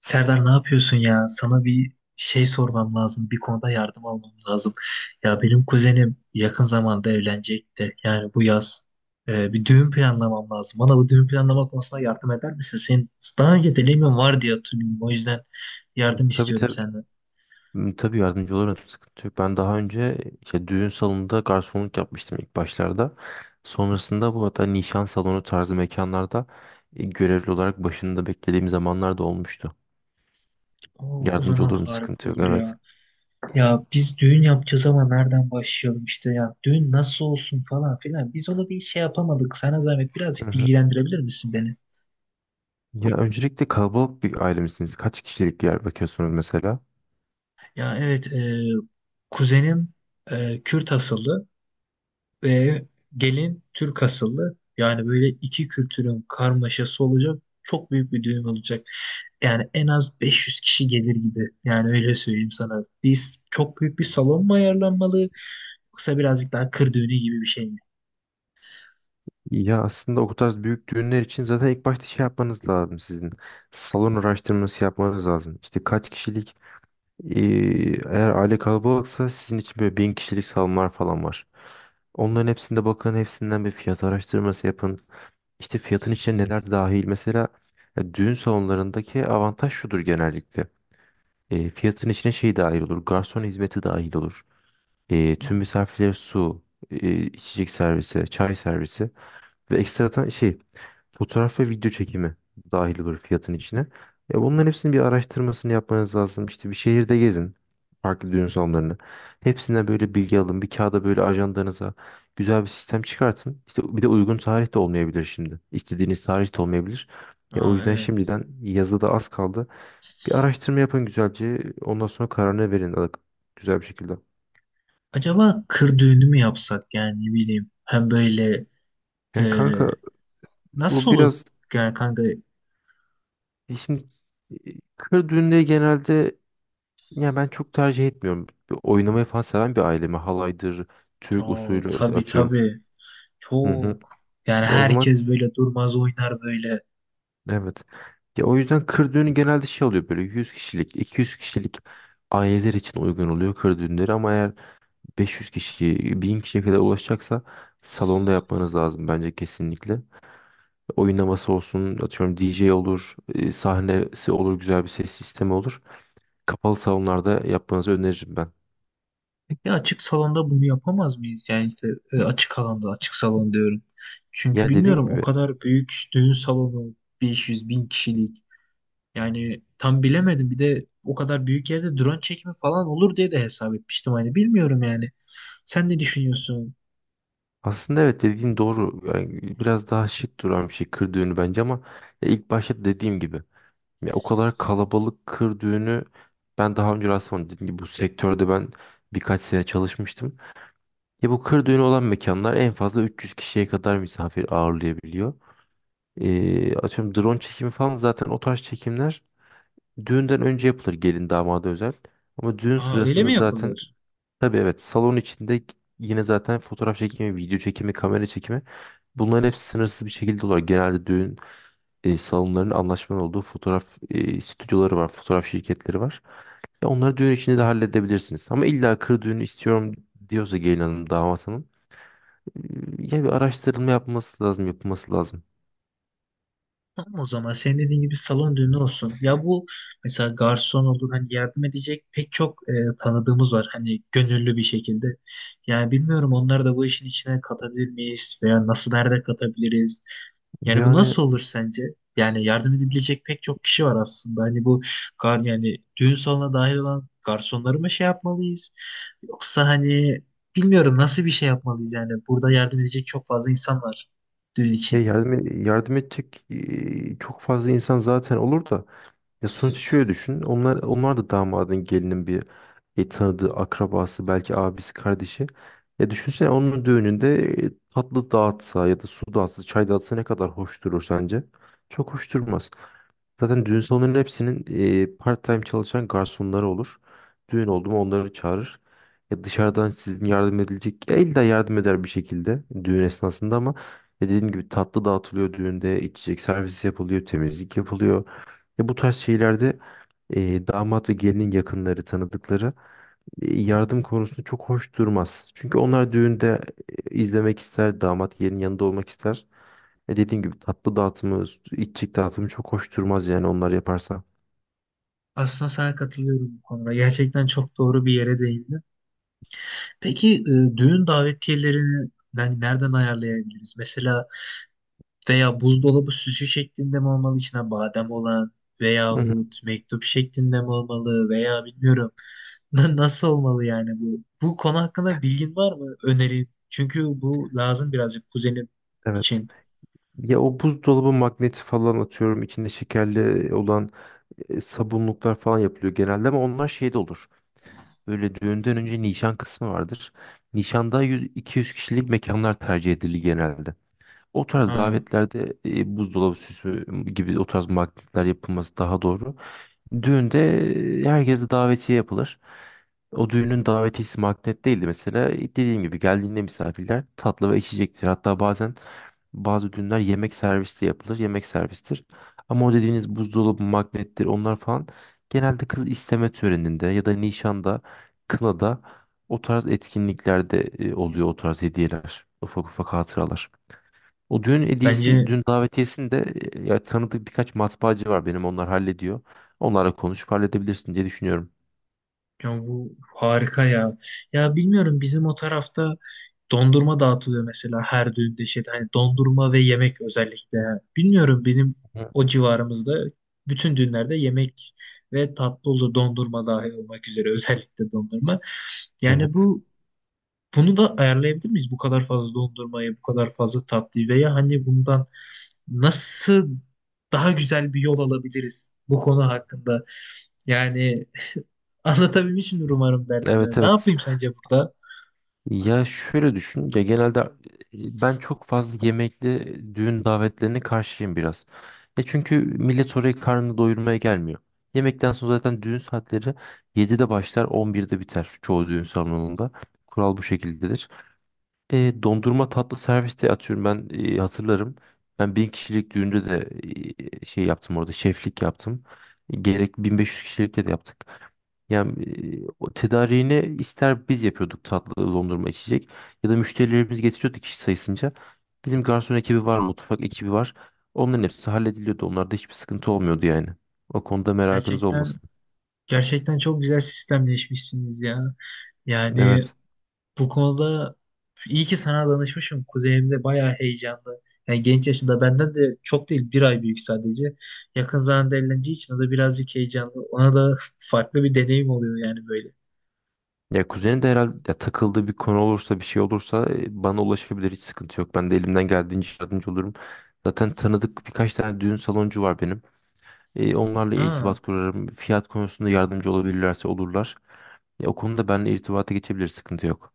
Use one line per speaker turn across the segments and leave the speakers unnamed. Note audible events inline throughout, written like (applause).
Serdar, ne yapıyorsun ya? Sana bir şey sormam lazım. Bir konuda yardım almam lazım. Ya benim kuzenim yakın zamanda evlenecek de, yani bu yaz bir düğün planlamam lazım. Bana bu düğün planlama konusunda yardım eder misin? Senin daha önce deneyimin var diye hatırlıyorum. O yüzden
Hı,
yardım
tabii
istiyorum
tabii.
senden.
Hı, tabii yardımcı olurum, sıkıntı yok. Ben daha önce işte düğün salonunda garsonluk yapmıştım ilk başlarda. Sonrasında bu hatta nişan salonu tarzı mekanlarda görevli olarak başında beklediğim zamanlar da olmuştu.
O
Yardımcı
zaman
olurum,
harika
sıkıntı yok,
olur
evet.
ya. Ya biz düğün yapacağız ama nereden başlayalım işte ya. Düğün nasıl olsun falan filan. Biz onu bir şey yapamadık. Sana zahmet
Hı
birazcık
hı.
bilgilendirebilir misin beni?
Ya öncelikle kalabalık bir aile misiniz? Kaç kişilik bir yer bakıyorsunuz mesela?
Ya evet, kuzenim Kürt asıllı ve gelin Türk asıllı. Yani böyle iki kültürün karmaşası olacak. Çok büyük bir düğün olacak. Yani en az 500 kişi gelir gibi. Yani öyle söyleyeyim sana. Biz çok büyük bir salon mu ayarlanmalı? Yoksa birazcık daha kır düğünü gibi bir şey mi?
Ya aslında o tarz büyük düğünler için zaten ilk başta şey yapmanız lazım sizin. Salon araştırması yapmanız lazım. İşte kaç kişilik. Ee, Eğer aile kalabalıksa sizin için böyle bin kişilik salonlar falan var. Onların hepsinde bakın, hepsinden bir fiyat araştırması yapın. İşte fiyatın içine neler dahil. Mesela düğün salonlarındaki avantaj şudur genellikle. Fiyatın içine şey dahil olur. Garson hizmeti dahil olur. Tüm misafirlere su, içecek servisi, çay servisi. Ve ekstradan şey fotoğraf ve video çekimi dahil olur fiyatın içine. Bunların hepsinin bir araştırmasını yapmanız lazım. İşte bir şehirde gezin. Farklı düğün salonlarını. Hepsinden böyle bilgi alın. Bir kağıda, böyle ajandanıza güzel bir sistem çıkartın. İşte bir de uygun tarih de olmayabilir şimdi. İstediğiniz tarih de olmayabilir. Ya o
Aa,
yüzden
evet.
şimdiden, yazı da az kaldı. Bir araştırma yapın güzelce. Ondan sonra kararını verin güzel bir şekilde.
Acaba kır düğünü mü yapsak, yani ne bileyim. Hem böyle e,
Yani kanka,
nasıl
o
olur?
biraz
Yani kanka.
e şimdi e, kır düğünleri genelde, ya ben çok tercih etmiyorum. Bir oynamayı falan seven bir ailemi. Halaydır, Türk
Aa,
usulü işte,
tabii
atıyorum.
tabii.
Hı hı.
Çok. Yani
Ya o zaman
herkes böyle durmaz, oynar böyle.
evet. Ya o yüzden kır düğünü genelde şey oluyor, böyle 100 kişilik, 200 kişilik aileler için uygun oluyor kır düğünleri, ama eğer 500 kişi, 1000 kişiye kadar ulaşacaksa salonda yapmanız lazım bence kesinlikle. Oynaması olsun, atıyorum DJ olur, sahnesi olur, güzel bir ses sistemi olur. Kapalı salonlarda yapmanızı öneririm ben.
Ya açık salonda bunu yapamaz mıyız? Yani işte açık alanda, açık salon diyorum. Çünkü
Ya
bilmiyorum
dediğim
o
gibi,
kadar büyük düğün salonu 500 bin kişilik. Yani tam bilemedim. Bir de o kadar büyük yerde drone çekimi falan olur diye de hesap etmiştim. Hani bilmiyorum yani. Sen ne düşünüyorsun?
aslında evet, dediğin doğru. Yani biraz daha şık duran bir şey kır düğünü bence, ama ya ilk başta dediğim gibi, ya o kadar kalabalık kır düğünü ben daha önce rastlamadım. Dediğim gibi bu sektörde ben birkaç sene çalışmıştım. Ya bu kır düğünü olan mekanlar en fazla 300 kişiye kadar misafir ağırlayabiliyor. Atıyorum drone çekimi falan, zaten o tarz çekimler düğünden önce yapılır, gelin damada özel. Ama düğün
Aa, öyle
sırasında
mi
zaten,
yapılır?
tabii, evet, salon içinde yine zaten fotoğraf çekimi, video çekimi, kamera çekimi. Bunların hepsi sınırsız bir şekilde oluyor. Genelde düğün salonlarının anlaşmanın olduğu fotoğraf stüdyoları var, fotoğraf şirketleri var. Ya onları düğün içinde de halledebilirsiniz. Ama illa kır düğünü istiyorum diyorsa gelin hanım, damat hanım, e, ya bir araştırılma yapması lazım, yapılması lazım.
Tamam, o zaman senin dediğin gibi salon düğünü olsun. Ya bu mesela garson olur, hani yardım edecek pek çok tanıdığımız var hani gönüllü bir şekilde. Yani bilmiyorum, onları da bu işin içine katabilir miyiz veya nasıl, nerede katabiliriz? Yani bu
Yani,
nasıl olur sence? Yani yardım edebilecek pek çok kişi var aslında. Hani bu gar, yani düğün salonuna dahil olan garsonları mı şey yapmalıyız? Yoksa hani bilmiyorum nasıl bir şey yapmalıyız, yani burada yardım edecek çok fazla insan var düğün için.
ya yardım edecek çok fazla insan zaten olur da. Ya sonuçta şöyle düşün. Onlar da damadın gelinin bir tanıdığı, akrabası, belki abisi, kardeşi. Ya düşünsene, onun düğününde tatlı dağıtsa ya da su dağıtsa, çay dağıtsa, ne kadar hoş durur sence? Çok hoş durmaz. Zaten düğün salonlarının hepsinin part-time çalışan garsonları olur. Düğün oldu mu onları çağırır. Ya dışarıdan sizin yardım edilecek, ya illa yardım eder bir şekilde düğün esnasında, ama ya dediğim gibi tatlı dağıtılıyor düğünde, içecek servisi yapılıyor, temizlik yapılıyor. Ve bu tarz şeylerde damat ve gelinin yakınları, tanıdıkları yardım konusunda çok hoş durmaz. Çünkü onlar düğünde izlemek ister, damat gelinin yanında olmak ister. Dediğim gibi tatlı dağıtımı, içecek dağıtımı çok hoş durmaz, yani onlar yaparsa.
Aslında sana katılıyorum bu konuda. Gerçekten çok doğru bir yere değindin. Peki düğün davetiyelerini yani nereden ayarlayabiliriz? Mesela veya buzdolabı süsü şeklinde mi olmalı içine badem olan,
Hı hı,
veyahut mektup şeklinde mi olmalı, veya bilmiyorum (laughs) Na- nasıl olmalı yani bu? Bu konu hakkında bilgin var mı? Öneri. Çünkü bu lazım birazcık kuzenim
evet.
için.
Ya o buzdolabı magneti falan, atıyorum içinde şekerli olan sabunluklar falan yapılıyor genelde, ama onlar şeyde olur. Böyle düğünden önce nişan kısmı vardır. Nişanda 100-200 kişilik mekanlar tercih edilir genelde. O tarz
Ha,
davetlerde buzdolabı süsü gibi o tarz magnetler yapılması daha doğru. Düğünde herkese davetiye yapılır. O düğünün davetiyesi magnet değildi mesela. Dediğim gibi geldiğinde misafirler tatlı ve içecektir. Hatta bazen bazı düğünler yemek servisi yapılır. Yemek servistir. Ama o dediğiniz buzdolabı magnettir, onlar falan genelde kız isteme töreninde ya da nişanda, kınada, o tarz etkinliklerde oluyor o tarz hediyeler. Ufak ufak hatıralar. O düğün hediyesini,
bence.
düğün davetiyesini de ya, tanıdık birkaç matbaacı var benim, onlar hallediyor. Onlarla konuşup halledebilirsin diye düşünüyorum.
Ya bu harika ya. Ya bilmiyorum, bizim o tarafta dondurma dağıtılıyor mesela her düğünde şeyde, hani dondurma ve yemek özellikle. Bilmiyorum benim
Hı.
o civarımızda bütün düğünlerde yemek ve tatlı olur, dondurma dahil olmak üzere, özellikle dondurma. Yani
Evet.
bu bunu da ayarlayabilir miyiz? Bu kadar fazla dondurmayı, bu kadar fazla tatlıyı, veya hani bundan nasıl daha güzel bir yol alabiliriz bu konu hakkında? Yani anlatabilmişimdir umarım
Evet
derdimi. Ne
evet.
yapayım sence burada?
Ya şöyle düşün. Ya genelde ben çok fazla yemekli düğün davetlerine karşıyım biraz. Çünkü millet oraya karnını doyurmaya gelmiyor. Yemekten sonra zaten düğün saatleri 7'de başlar, 11'de biter çoğu düğün salonunda. Kural bu şekildedir. Dondurma tatlı serviste, atıyorum ben hatırlarım. Ben bin kişilik düğünde de şey yaptım orada, şeflik yaptım. Gerek 1500 kişilikte de yaptık. Yani o tedariğini ister biz yapıyorduk, tatlı dondurma içecek, ya da müşterilerimiz getiriyordu kişi sayısınca. Bizim garson ekibi var, mutfak ekibi var. Onların hepsi hallediliyordu. Onlarda hiçbir sıkıntı olmuyordu yani. O konuda merakınız
Gerçekten,
olmasın.
gerçekten çok güzel sistemleşmişsiniz ya. Yani
Evet.
bu konuda iyi ki sana danışmışım. Kuzenim de bayağı heyecanlı. Yani genç yaşında, benden de çok değil bir ay büyük sadece. Yakın zamanda evleneceği için o da birazcık heyecanlı. Ona da (laughs) farklı bir deneyim oluyor yani böyle.
Ya kuzeni de herhalde, ya takıldığı bir konu olursa, bir şey olursa bana ulaşabilir, hiç sıkıntı yok. Ben de elimden geldiğince yardımcı olurum. Zaten tanıdık birkaç tane düğün saloncu var benim. Onlarla
Aa,
irtibat kurarım. Fiyat konusunda yardımcı olabilirlerse olurlar. Ya, o konuda benimle irtibata geçebilir, sıkıntı yok.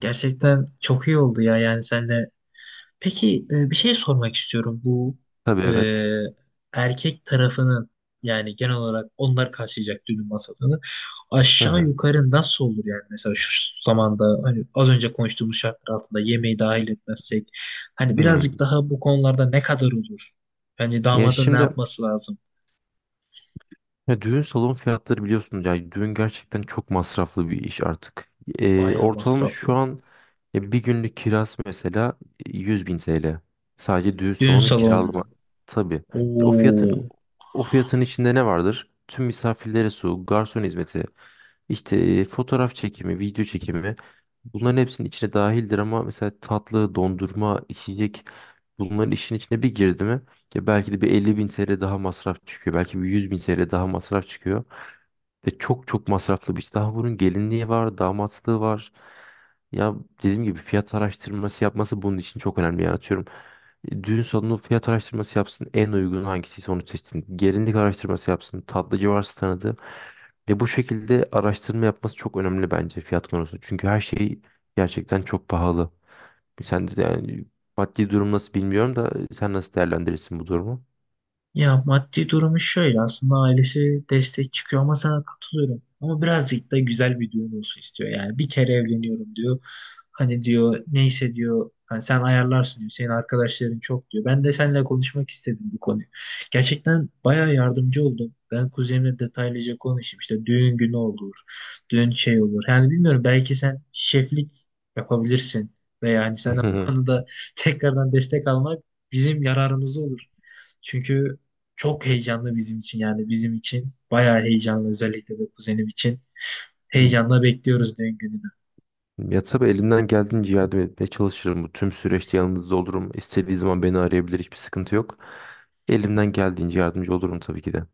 gerçekten çok iyi oldu ya yani sen. Peki bir şey sormak istiyorum. Bu
Tabii
e,
evet.
erkek tarafının, yani genel olarak onlar karşılayacak düğün masrafını
Hı
aşağı
hı.
yukarı nasıl olur, yani mesela şu zamanda, hani az önce konuştuğumuz şartlar altında yemeği dahil etmezsek, hani birazcık
Hmm.
daha bu konularda ne kadar olur? Yani
Ya
damadın ne
şimdi,
yapması lazım?
ya düğün salon fiyatları biliyorsunuz, ya düğün gerçekten çok masraflı bir iş artık.
Bayağı
Ortalama şu
masraflı.
an bir günlük kirası mesela 100 bin TL. Sadece düğün
Düğün
salonu kiralama.
salonunun.
Tabii. E, O fiyatın
Oo.
o fiyatın içinde ne vardır? Tüm misafirlere su, garson hizmeti, işte fotoğraf çekimi, video çekimi. Bunların hepsinin içine dahildir, ama mesela tatlı, dondurma, içecek, bunların işin içine bir girdi mi, ya belki de bir 50.000 TL daha masraf çıkıyor. Belki bir 100.000 TL daha masraf çıkıyor. Ve çok çok masraflı bir iş. Daha bunun gelinliği var, damatlığı var. Ya dediğim gibi fiyat araştırması yapması bunun için çok önemli. Yani atıyorum düğün salonu fiyat araştırması yapsın. En uygun hangisiyse onu seçsin. Gelinlik araştırması yapsın. Tatlıcı varsa tanıdığı. Ve bu şekilde araştırma yapması çok önemli bence fiyat konusunda. Çünkü her şey gerçekten çok pahalı. Sen de yani, maddi durum nasıl bilmiyorum da sen nasıl değerlendirirsin bu durumu?
Ya maddi durumu şöyle, aslında ailesi destek çıkıyor ama sana katılıyorum. Ama birazcık da güzel bir düğün olsun istiyor. Yani bir kere evleniyorum diyor. Hani diyor neyse diyor, hani sen ayarlarsın diyor. Senin arkadaşların çok diyor. Ben de seninle konuşmak istedim bu konuyu. Gerçekten bayağı yardımcı oldum. Ben kuzenimle detaylıca konuşayım. İşte düğün günü olur. Düğün şey olur. Yani bilmiyorum, belki sen şeflik yapabilirsin. Ve yani senden bu
(laughs)
konuda (laughs) tekrardan destek almak bizim yararımız olur. Çünkü çok heyecanlı bizim için, yani bizim için. Bayağı heyecanlı, özellikle de kuzenim için. Heyecanla bekliyoruz düğün gününü.
Ya tabii elimden geldiğince yardım etmeye çalışırım. Bu tüm süreçte yanınızda olurum. İstediği zaman beni arayabilir. Hiçbir sıkıntı yok. Elimden geldiğince yardımcı olurum tabii ki de.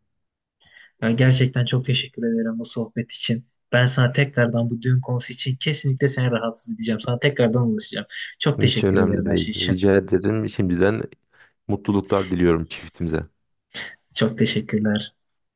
Ya gerçekten çok teşekkür ederim bu sohbet için. Ben sana tekrardan bu düğün konusu için kesinlikle seni rahatsız edeceğim. Sana tekrardan ulaşacağım. Çok
Hiç
teşekkür ederim
önemli
her şey
değil.
için.
Rica ederim. Şimdiden mutluluklar diliyorum çiftimize.
Çok teşekkürler.